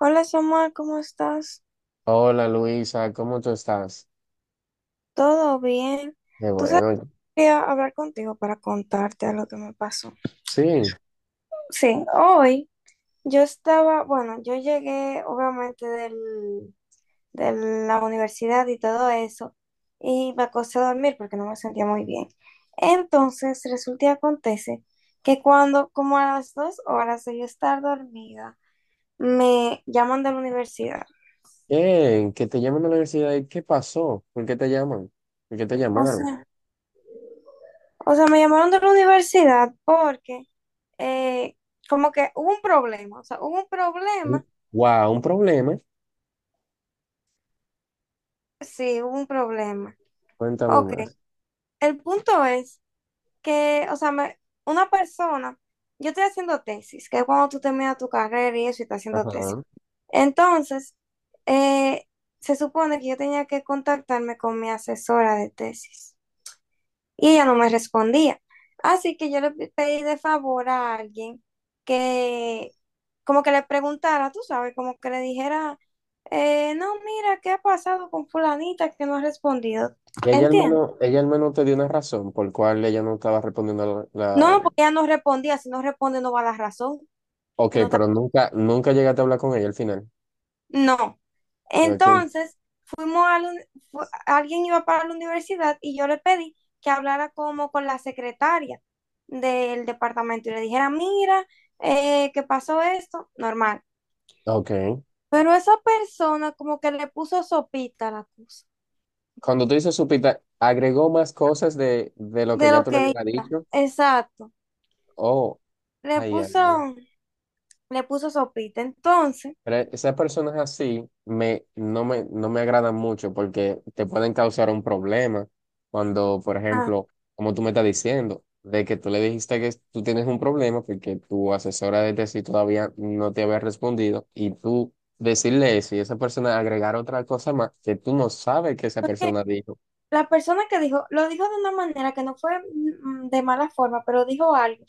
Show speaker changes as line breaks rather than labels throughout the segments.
Hola Samuel, ¿cómo estás?
Hola Luisa, ¿cómo tú estás?
¿Todo bien?
Qué
Tú sabes que
bueno.
quería hablar contigo para contarte algo que me pasó.
Sí,
Sí, hoy yo estaba, bueno, yo llegué obviamente del, de la universidad y todo eso y me acosté a dormir porque no me sentía muy bien. Entonces resulta y acontece que cuando, como a las dos horas de yo estar dormida, me llaman de la universidad.
bien, que te llaman a la universidad. ¿Qué pasó? ¿Por qué te llaman? ¿Por qué te
O
llamaron?
sea, o sea, me llamaron de la universidad porque... eh, como que hubo un problema, o sea, hubo un problema,
Wow, un problema.
sí, hubo un problema.
Cuéntame
Ok,
más.
el punto es que, o sea, una persona, yo estoy haciendo tesis, que es cuando tú terminas tu carrera y eso y estás haciendo tesis.
Ajá.
Entonces, eh, se supone que yo tenía que contactarme con mi asesora de tesis. Y ella no me respondía. Así que yo pedí de favor a alguien que como que le preguntara, tú sabes, como que le dijera, no, mira, ¿qué ha pasado con fulanita que no ha respondido?
Y
¿Entiendes?
ella al menos te dio una razón por cual ella no estaba respondiendo la-
No, porque ella no respondía, si no responde no va a la razón,
Ok,
que no está.
pero nunca, nunca llegaste a hablar con ella al final.
No.
Ok,
Entonces, fuimos a la uni- fu- alguien iba para la universidad y yo le pedí que hablara como con la secretaria del departamento y le dijera, mira, que pasó esto, normal.
ok.
Pero esa persona como que le puso sopita a la cosa,
Cuando tú dices supita, agregó más cosas de lo que
de
ya
lo
tú le
que
hubieras
iba,
dicho.
exacto.
Oh,
Le
ay, ay,
puso,
ay.
le puso sopita. Entonces,
Pero esas personas así no me, no me agradan mucho porque te pueden causar un problema cuando, por
ah,
ejemplo, como tú me estás diciendo, de que tú le dijiste que tú tienes un problema porque tu asesora de tesis todavía no te había respondido y tú decirle eso y esa persona agregar otra cosa más que tú no sabes que esa persona dijo.
la persona que dijo, lo dijo de una manera que no fue de mala forma, pero dijo algo.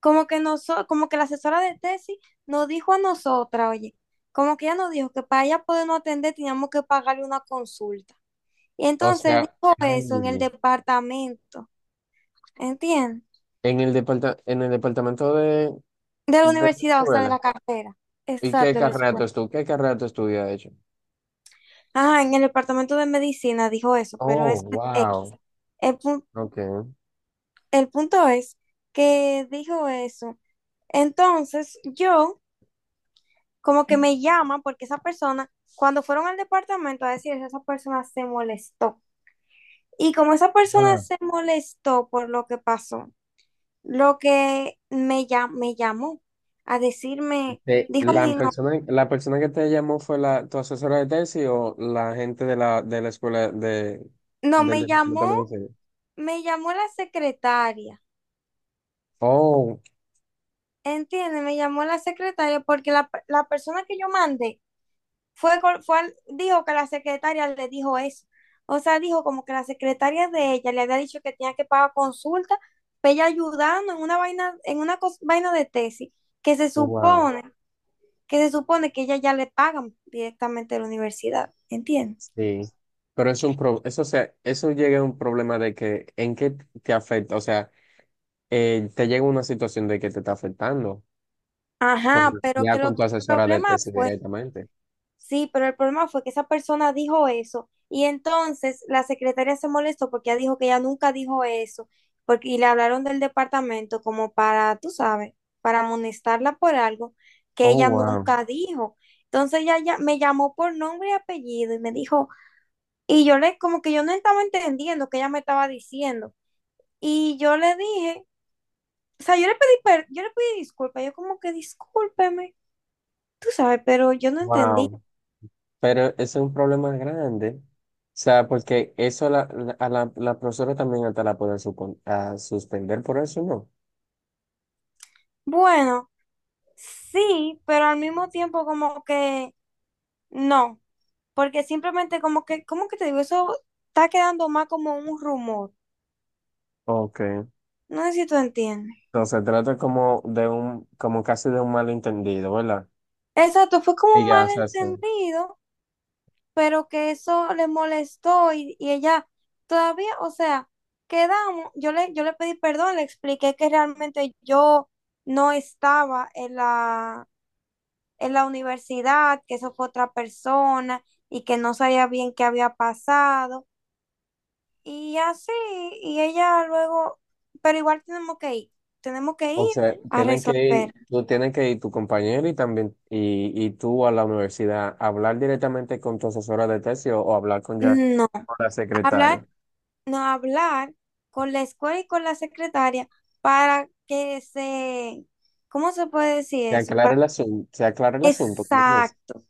Como que la asesora de tesis nos dijo a nosotras, oye, como que ella nos dijo que para ella podernos atender teníamos que pagarle una consulta. Y
O
entonces
sea,
dijo
ay,
eso en el departamento, ¿entiendes?
en en el departamento
De la
de la
universidad, o sea, de la
escuela.
carrera.
¿Y qué
Exacto, en la escuela.
qué carrera tú estudias, de hecho?
Ajá, en el departamento de medicina dijo eso, pero
Oh,
eso es X.
wow.
El, pu-
Ok.
el punto es que dijo eso. Entonces yo como que me llama porque esa persona, cuando fueron al departamento a decir eso, esa persona se molestó. Y como esa persona
Ah,
se molestó por lo que pasó, lo que me, me llamó a decirme, dijo mi no,
La persona que te llamó fue tu asesora de tesis o la gente de de la escuela de,
no,
del departamento de medicina.
me llamó la secretaria,
Oh,
¿entiendes? Me llamó la secretaria porque la persona que yo mandé fue, dijo que la secretaria le dijo eso. O sea, dijo como que la secretaria de ella le había dicho que tenía que pagar consulta, pero ella ayudando en una vaina, en una vaina de tesis, que se
wow,
supone, que se supone que ella ya le pagan directamente de la universidad, ¿entiendes?
sí. Pero es un pro, eso, o sea, eso llega a un problema de que, ¿en qué te afecta? O sea, te llega una situación de que te está afectando con,
Ajá, pero
ya
que lo
con
que
tu
el
asesora de
problema
tesis
fue.
directamente.
Sí, pero el problema fue que esa persona dijo eso y entonces la secretaria se molestó porque ella dijo que ella nunca dijo eso porque, y le hablaron del departamento como para, tú sabes, para amonestarla por algo que
Oh,
ella
wow.
nunca dijo. Entonces ella ya me llamó por nombre y apellido y me dijo, y yo le, como que yo no estaba entendiendo que ella me estaba diciendo. Y yo le dije, o sea, yo le pedí disculpas, yo como que discúlpeme, tú sabes, pero yo no entendí.
Wow. Pero ese es un problema grande. O sea, porque eso a la profesora también hasta la puede a suspender por eso, ¿no?
Bueno. Sí, pero al mismo tiempo como que no, porque simplemente como que, ¿cómo que te digo? Eso está quedando más como un rumor.
Ok.
No sé si tú entiendes.
Entonces se trata como de un, como casi de un malentendido, ¿verdad?
Exacto, fue como
Y
un
ya, o sea, sí.
malentendido, pero que eso le molestó y ella todavía, o sea, quedamos, yo le pedí perdón, le expliqué que realmente yo no estaba en la universidad, que eso fue otra persona y que no sabía bien qué había pasado. Y así, y ella luego, pero igual tenemos que ir
O sea,
a
tienen que
resolver.
ir, tú tienes que ir tu compañero y también, y tú a la universidad, hablar directamente con tu asesora de tesis o hablar con ya
No,
con la secretaria.
hablar, no hablar con la escuela y con la secretaria para que se, ¿cómo se puede decir
Se
eso?
aclara
Para-
el asunto, se aclara el asunto, ¿cómo que me dice?
exacto,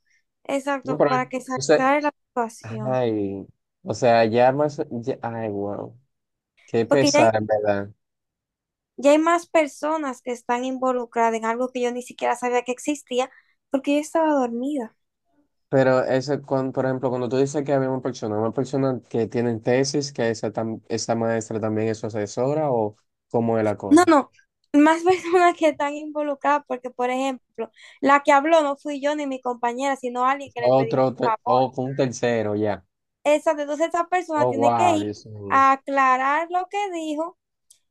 No,
exacto,
pero
para que se
entonces
aclare la situación.
ay, o sea, ya más, ya- ay, wow, qué
Porque
pesar, en verdad.
ya hay más personas que están involucradas en algo que yo ni siquiera sabía que existía porque yo estaba dormida.
Pero eso, con, por ejemplo, cuando tú dices que había una persona que tiene tesis, que esa, tam- esa maestra también es su asesora, o cómo es la
No,
cosa.
no, más personas que están involucradas, porque por ejemplo, la que habló no fui yo ni mi compañera, sino alguien que le pedimos
Otro,
un
te-
favor.
o con un tercero, ya.
Esa, entonces esa persona
Oh,
tiene
wow,
que ir
Dios mío.
a aclarar lo que dijo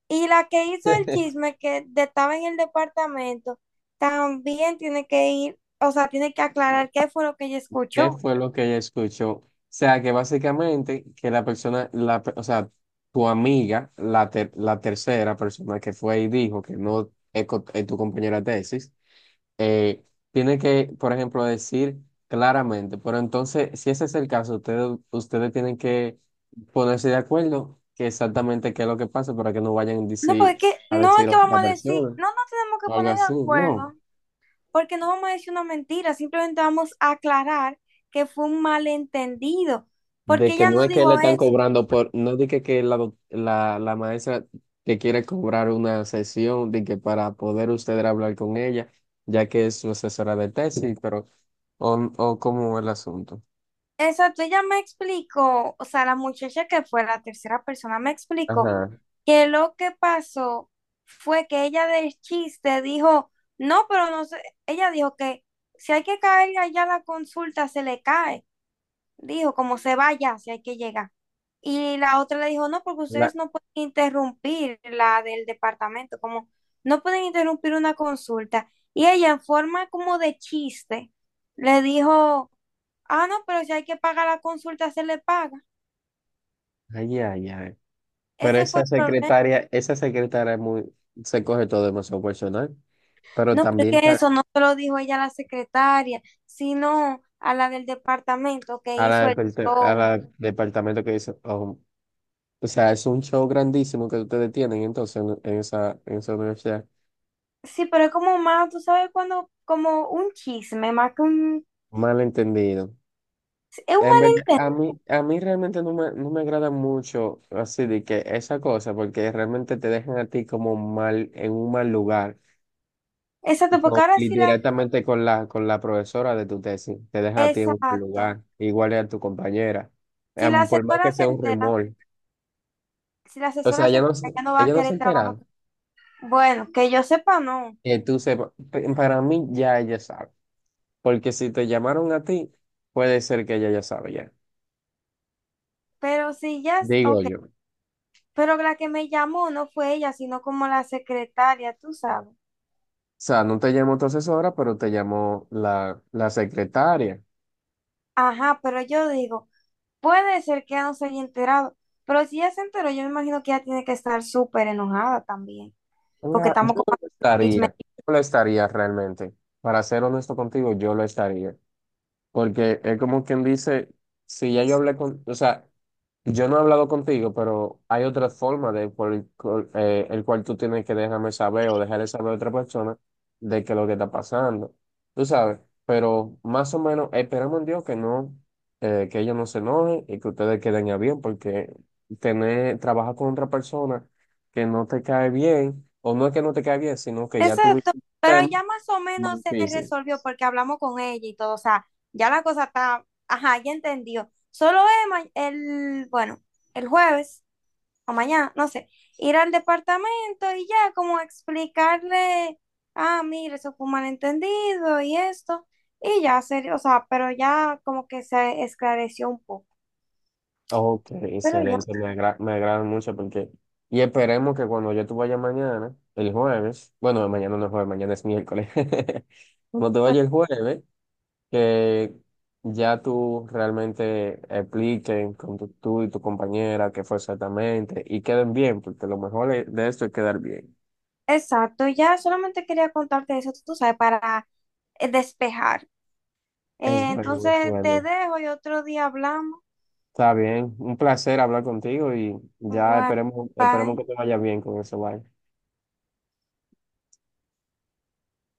y la que hizo el chisme estaba en el departamento también tiene que ir, o sea, tiene que aclarar qué fue lo que ella
¿Qué
escuchó.
fue lo que ella escuchó? O sea, que básicamente que la persona, o sea, tu amiga, la tercera persona que fue y dijo que no es es tu compañera de tesis, eh, tiene que, por ejemplo, decir claramente, pero entonces, si ese es el caso, ustedes tienen que ponerse de acuerdo que exactamente qué es lo que pasa para que no vayan
No, porque
a
no es
decir
que
otra
vamos a decir,
versión
no nos tenemos que
o algo
poner de
así,
acuerdo.
no.
Porque no vamos a decir una mentira, simplemente vamos a aclarar que fue un malentendido,
De
porque
que
ella
no
no
es que le
dijo
están
eso.
cobrando por, no dije que la maestra te quiere cobrar una sesión, de que para poder ustedes hablar con ella, ya que es su asesora de tesis, pero, o cómo es el asunto.
Exacto, ella me explicó, o sea, la muchacha que fue la tercera persona me explicó
Ajá.
que lo que pasó fue que ella del chiste dijo, no, pero no sé, ella dijo que si hay que caer allá a la consulta, se le cae. Dijo, como se vaya, si hay que llegar. Y la otra le dijo, no, porque
La,
ustedes no pueden interrumpir la del departamento, como no pueden interrumpir una consulta. Y ella, en forma como de chiste, le dijo, ah, no, pero si hay que pagar la consulta, se le paga.
ay, ay, ay. Pero
Ese fue el problema.
esa secretaria es muy, se coge todo demasiado personal. Pero
No, pero
también
es que
ta-
eso no se lo dijo ella a la secretaria, sino a la del departamento que
a
hizo el
departe- a
show.
la departamento que dice, oh, o sea, es un show grandísimo que ustedes tienen entonces en esa universidad.
Sí, pero es como más, tú sabes, cuando, como un chisme, más que un,
Malentendido.
es un
En verdad,
malentendido.
a mí realmente no me agrada mucho así de que esa cosa, porque realmente te dejan a ti como mal, en un mal lugar.
Exacto, porque
Con-
ahora
y
sí la,
directamente con la profesora de tu tesis. Te deja a ti en un buen
exacto.
lugar, igual es a tu compañera,
Si la
Em, por más que
asesora se
sea un
entera,
rumor.
si la
O sea,
asesora se entera, ya no va a
ella no se
querer
entera.
trabajar. Bueno, que yo sepa, no.
Que tú sepas, P- para mí ya ella sabe, porque si te llamaron a ti, puede ser que ella ya sabe ya,
Pero si ya,
digo
ok.
yo. O
Pero la que me llamó no fue ella, sino como la secretaria, tú sabes.
sea, no te llamó tu asesora, pero te llamó la secretaria.
Ajá, pero yo digo, puede ser que ya no se haya enterado. Pero si ya se enteró, yo me imagino que ella tiene que estar súper enojada también. Porque
La-
estamos con.
yo lo estaría realmente. Para ser honesto contigo, yo lo estaría. Porque es como quien dice, si ya yo hablé con, o sea, yo no he hablado contigo, pero hay otra forma de por cual el cual tú tienes que dejarme saber o dejarle saber a otra persona de que lo que está pasando. Tú sabes, pero más o menos esperamos en Dios que no, que ellos no se enojen y que ustedes queden a bien, porque tener, trabajar con otra persona que no te cae bien, o no es que no te cae bien, sino que ya tuviste
Exacto,
un
pero
tema
ya más o
más
menos se
difícil.
resolvió porque hablamos con ella y todo, o sea, ya la cosa está, ajá, ya entendió. Solo es el, bueno, el jueves o mañana, no sé, ir al departamento y ya como explicarle, ah, mire, eso fue un malentendido y esto, y ya, serio, o sea, pero ya como que se esclareció un poco,
Ok,
pero ya,
excelente, me agra- me agrada mucho porque... Y esperemos que cuando yo te vaya mañana, el jueves, bueno, no, mañana no es jueves, mañana es miércoles, cuando te
pues,
vaya el jueves, que ya tú realmente expliquen con tu, tú y tu compañera qué fue exactamente y queden bien, porque lo mejor es- de esto es quedar bien.
exacto, ya solamente quería contarte eso, tú sabes, para despejar.
Es bueno, es
Entonces
bueno.
te dejo y otro día hablamos.
Está bien, un placer hablar contigo y ya
Igual,
esperemos, esperemos que
bye.
te vaya bien con eso, bye.